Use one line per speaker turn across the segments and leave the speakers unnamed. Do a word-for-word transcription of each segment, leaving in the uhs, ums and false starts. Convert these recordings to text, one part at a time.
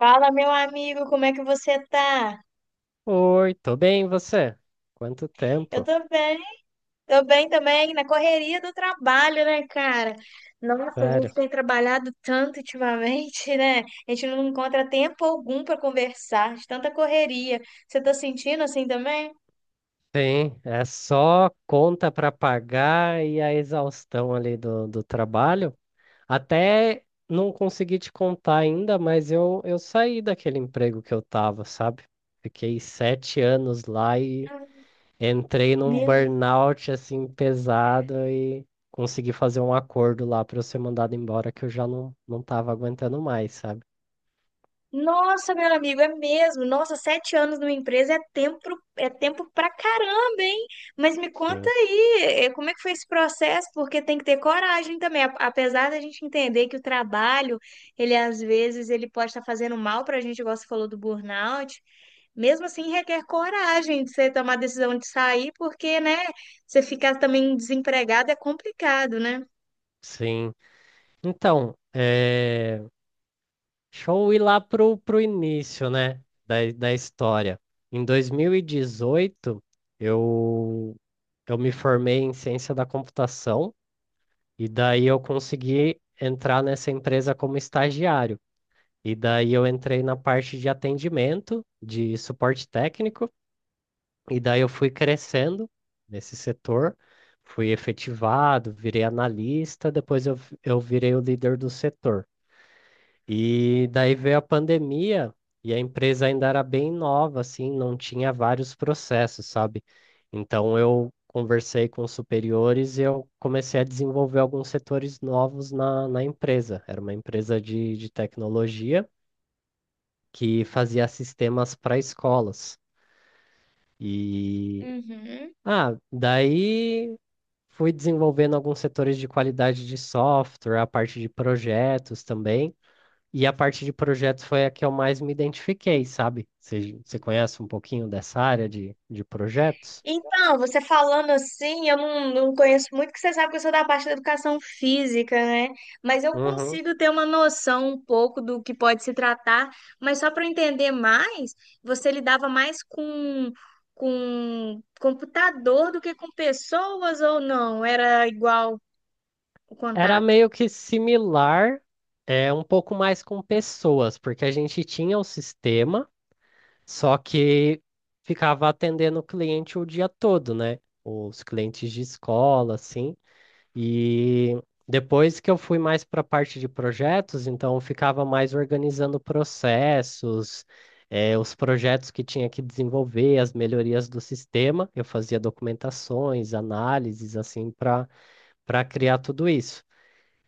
Fala, meu amigo, como é que você tá?
Oi, tô bem, e você? Quanto
Eu
tempo?
tô bem, tô bem também, na correria do trabalho, né, cara? Nossa, a gente
Sério.
tem trabalhado tanto ultimamente, né? A gente não encontra tempo algum pra conversar, de tanta correria. Você tá sentindo assim também?
Sim, é só conta para pagar e a exaustão ali do, do trabalho. Até não consegui te contar ainda, mas eu, eu saí daquele emprego que eu tava, sabe? Fiquei sete anos lá e entrei num
Meu
burnout assim pesado e consegui fazer um acordo lá para eu ser mandado embora que eu já não, não tava aguentando mais, sabe?
Nossa, meu amigo, é mesmo. Nossa, sete anos numa empresa é tempo, é tempo pra caramba, hein? Mas me conta
Sim.
aí, eh, como é que foi esse processo? Porque tem que ter coragem também. A- Apesar da gente entender que o trabalho, ele às vezes ele pode estar fazendo mal pra gente, igual você falou do burnout. Mesmo assim, requer coragem de você tomar a decisão de sair, porque, né, você ficar também desempregado é complicado, né?
Sim. Então, é... deixa eu ir lá pro, pro início, né, da, da história. Em dois mil e dezoito, eu, eu me formei em ciência da computação e daí eu consegui entrar nessa empresa como estagiário. E daí eu entrei na parte de atendimento, de suporte técnico, e daí eu fui crescendo nesse setor, fui efetivado, virei analista, depois eu, eu virei o líder do setor. E daí veio a pandemia e a empresa ainda era bem nova, assim, não tinha vários processos, sabe? Então eu conversei com os superiores e eu comecei a desenvolver alguns setores novos na, na empresa. Era uma empresa de, de tecnologia que fazia sistemas para escolas. E
Uhum.
ah, daí fui desenvolvendo alguns setores de qualidade de software, a parte de projetos também. E a parte de projetos foi a que eu mais me identifiquei, sabe? Você você conhece um pouquinho dessa área de, de projetos?
Então, você falando assim, eu não, não conheço muito, porque você sabe que eu sou da parte da educação física, né? Mas eu
Uhum.
consigo ter uma noção um pouco do que pode se tratar, mas só para entender mais, você lidava mais com, com computador do que com pessoas ou não? Era igual o
Era
contato?
meio que similar, é um pouco mais com pessoas, porque a gente tinha o sistema, só que ficava atendendo o cliente o dia todo, né? Os clientes de escola, assim. E depois que eu fui mais para a parte de projetos, então eu ficava mais organizando processos, eh, os projetos que tinha que desenvolver, as melhorias do sistema. Eu fazia documentações, análises, assim, para para criar tudo isso.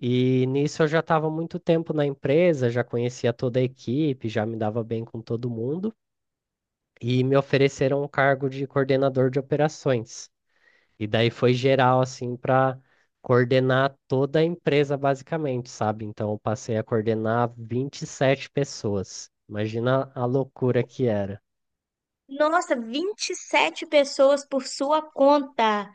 E nisso eu já estava muito tempo na empresa, já conhecia toda a equipe, já me dava bem com todo mundo, e me ofereceram um cargo de coordenador de operações. E daí foi geral, assim, para coordenar toda a empresa, basicamente, sabe? Então, eu passei a coordenar vinte e sete pessoas. Imagina a loucura que era.
Nossa, vinte e sete pessoas por sua conta.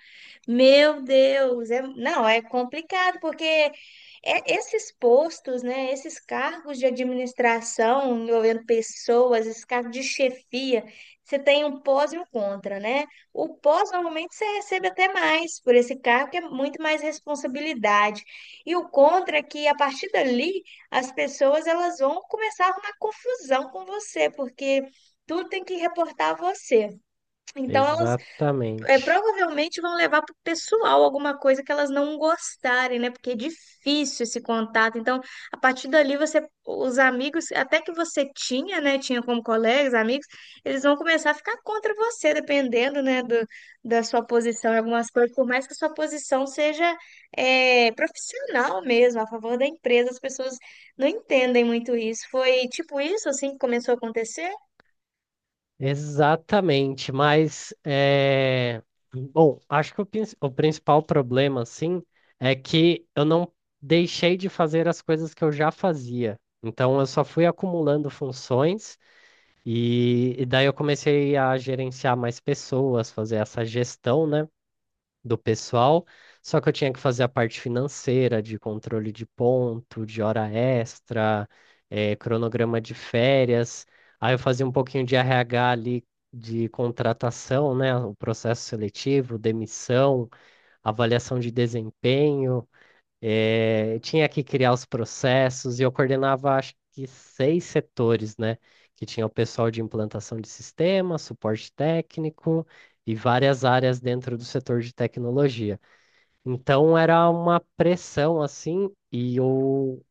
Meu Deus, é- não, é complicado porque é- esses postos, né, esses cargos de administração envolvendo pessoas, esses cargos de chefia, você tem um pós e um contra, né? O pós normalmente você recebe até mais por esse cargo, que é muito mais responsabilidade. E o contra é que a partir dali as pessoas elas vão começar a arrumar confusão com você, porque tudo tem que reportar a você. Então, elas é,
Exatamente.
provavelmente vão levar para o pessoal alguma coisa que elas não gostarem, né? Porque é difícil esse contato. Então, a partir dali, você, os amigos, até que você tinha, né? Tinha como colegas, amigos, eles vão começar a ficar contra você, dependendo, né? Do, da sua posição em algumas coisas, por mais que a sua posição seja é, profissional mesmo, a favor da empresa, as pessoas não entendem muito isso. Foi tipo isso, assim, que começou a acontecer?
Exatamente. Mas, é... bom, acho que o, prin- o principal problema, assim, é que eu não deixei de fazer as coisas que eu já fazia. Então, eu só fui acumulando funções. E, e daí eu comecei a gerenciar mais pessoas, fazer essa gestão, né, do pessoal. Só que eu tinha que fazer a parte financeira, de controle de ponto, de hora extra, eh, cronograma de férias. Aí eu fazia um pouquinho de R H ali, de contratação, né, o processo seletivo, demissão, avaliação de desempenho. Eh, tinha que criar os processos e eu coordenava, acho que seis setores, né? Que tinha o pessoal de implantação de sistema, suporte técnico e várias áreas dentro do setor de tecnologia. Então era uma pressão assim e eu,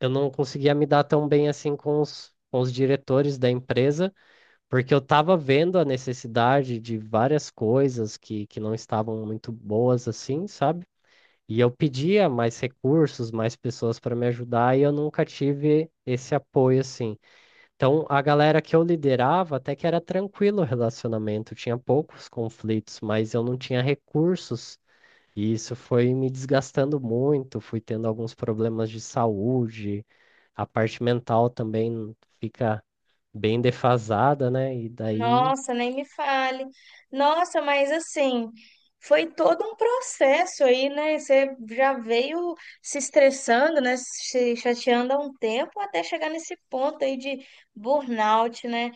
eu não conseguia me dar tão bem assim com os, com os diretores da empresa, porque eu estava vendo a necessidade de várias coisas que, que não estavam muito boas assim, sabe? E eu pedia mais recursos, mais pessoas para me ajudar, e eu nunca tive esse apoio assim. Então, a galera que eu liderava até que era tranquilo o relacionamento, tinha poucos conflitos, mas eu não tinha recursos, e isso foi me desgastando muito, fui tendo alguns problemas de saúde, a parte mental também fica bem defasada, né? E daí,
Nossa, nem me fale. Nossa, mas assim, foi todo um processo aí, né? Você já veio se estressando, né? Se chateando há um tempo até chegar nesse ponto aí de burnout, né?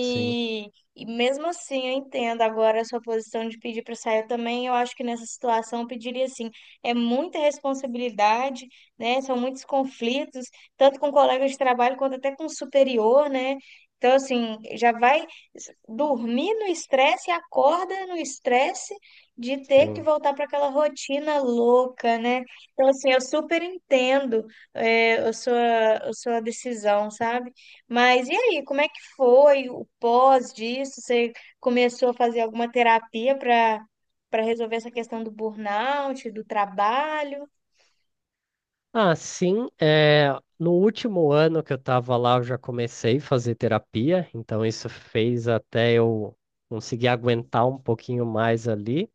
sim,
e mesmo assim, eu entendo agora a sua posição de pedir para sair. Eu também, eu acho que nessa situação eu pediria assim, é muita responsabilidade, né? São muitos conflitos, tanto com colegas de trabalho quanto até com o superior, né? Então, assim, já vai dormir no estresse e acorda no estresse de ter que
sim.
voltar para aquela rotina louca, né? Então, assim, eu super entendo é, a sua, a sua decisão, sabe? Mas e aí, como é que foi o pós disso? Você começou a fazer alguma terapia para para resolver essa questão do burnout, do trabalho?
Ah, sim. É, no último ano que eu estava lá, eu já comecei a fazer terapia, então isso fez até eu conseguir aguentar um pouquinho mais ali.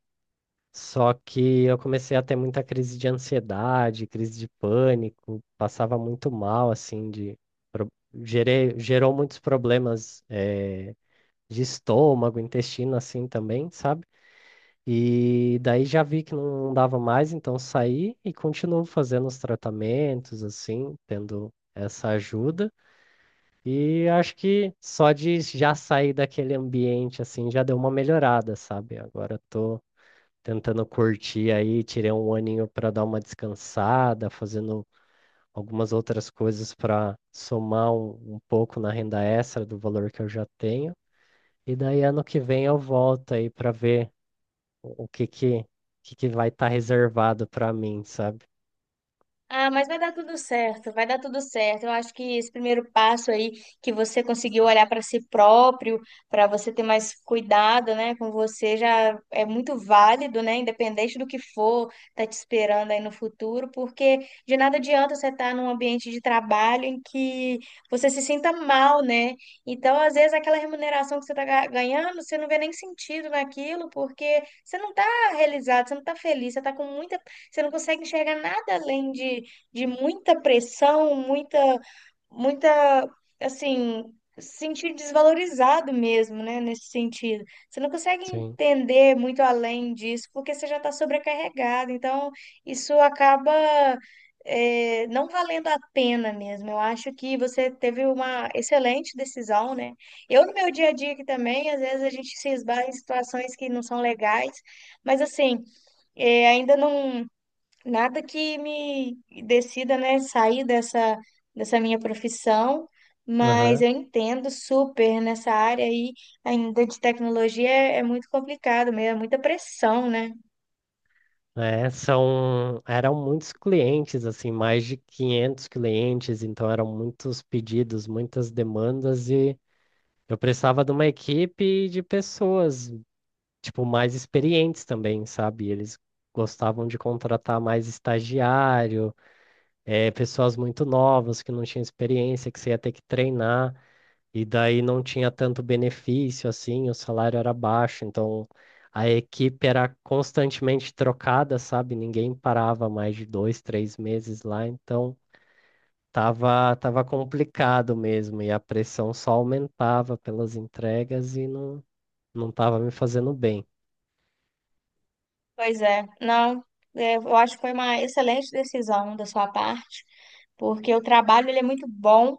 Só que eu comecei a ter muita crise de ansiedade, crise de pânico, passava muito mal, assim, de pro- gerei, gerou muitos problemas, eh, de estômago, intestino, assim também, sabe? E daí já vi que não dava mais, então saí e continuo fazendo os tratamentos, assim, tendo essa ajuda. E acho que só de já sair daquele ambiente, assim, já deu uma melhorada, sabe? Agora tô tentando curtir aí, tirei um aninho para dar uma descansada, fazendo algumas outras coisas para somar um, um pouco na renda extra do valor que eu já tenho. E daí ano que vem eu volto aí para ver o que que, que que vai estar reservado para mim, sabe?
Ah, mas vai dar tudo certo, vai dar tudo certo. Eu acho que esse primeiro passo aí, que você conseguiu olhar para si próprio, para você ter mais cuidado, né, com você, já é muito válido, né, independente do que for, tá te esperando aí no futuro, porque de nada adianta você estar num ambiente de trabalho em que você se sinta mal, né? Então, às vezes, aquela remuneração que você tá ga- ganhando, você não vê nem sentido naquilo, porque você não tá realizado, você não tá feliz, você tá com muita, você não consegue enxergar nada além de de muita pressão, muita, muita, assim, se sentir desvalorizado mesmo, né, nesse sentido. Você não consegue
Sim.
entender muito além disso, porque você já está sobrecarregado. Então, isso acaba é, não valendo a pena mesmo. Eu acho que você teve uma excelente decisão, né? Eu, no meu dia a dia aqui também, às vezes a gente se esbarra em situações que não são legais, mas assim, é, ainda não nada que me decida, né, sair dessa, dessa minha profissão, mas
Aham.
eu entendo super nessa área aí, ainda de tecnologia, é, é muito complicado mesmo, é muita pressão, né?
É, são, eram muitos clientes, assim, mais de quinhentos clientes, então eram muitos pedidos, muitas demandas e eu precisava de uma equipe de pessoas, tipo, mais experientes também, sabe? Eles gostavam de contratar mais estagiário, eh, pessoas muito novas que não tinham experiência, que você ia ter que treinar. E daí não tinha tanto benefício assim, o salário era baixo, então a equipe era constantemente trocada, sabe? Ninguém parava mais de dois, três meses lá, então tava, tava complicado mesmo, e a pressão só aumentava pelas entregas e não, não tava me fazendo bem.
Pois é, não, é, eu acho que foi uma excelente decisão da sua parte, porque o trabalho ele é muito bom,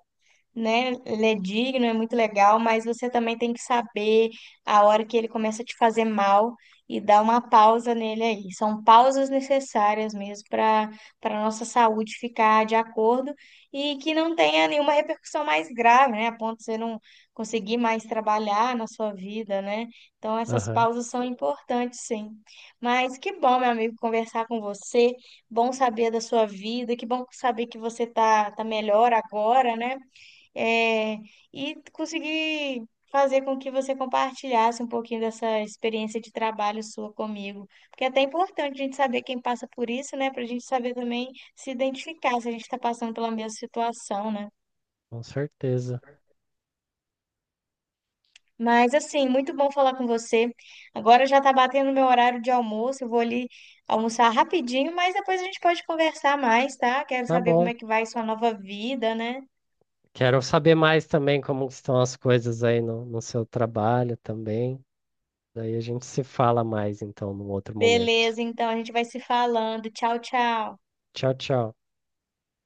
né? Ele é digno, é muito legal, mas você também tem que saber a hora que ele começa a te fazer mal e dar uma pausa nele aí. São pausas necessárias mesmo para para nossa saúde ficar de acordo e que não tenha nenhuma repercussão mais grave, né? A ponto de você não conseguir mais trabalhar na sua vida, né? Então essas
Aham,
pausas são importantes, sim. Mas que bom, meu amigo, conversar com você, bom saber da sua vida, que bom saber que você tá tá melhor agora, né? é, e conseguir fazer com que você compartilhasse um pouquinho dessa experiência de trabalho sua comigo. Porque é até importante a gente saber quem passa por isso, né? Para a gente saber também se identificar se a gente está passando pela mesma situação, né?
com certeza.
Mas assim, muito bom falar com você. Agora já está batendo meu horário de almoço, eu vou ali almoçar rapidinho, mas depois a gente pode conversar mais, tá? Quero
Tá
saber como
bom.
é que vai sua nova vida, né?
Quero saber mais também como que estão as coisas aí no, no seu trabalho também. Daí a gente se fala mais então num outro momento.
Beleza, então a gente vai se falando. Tchau, tchau.
Tchau, tchau.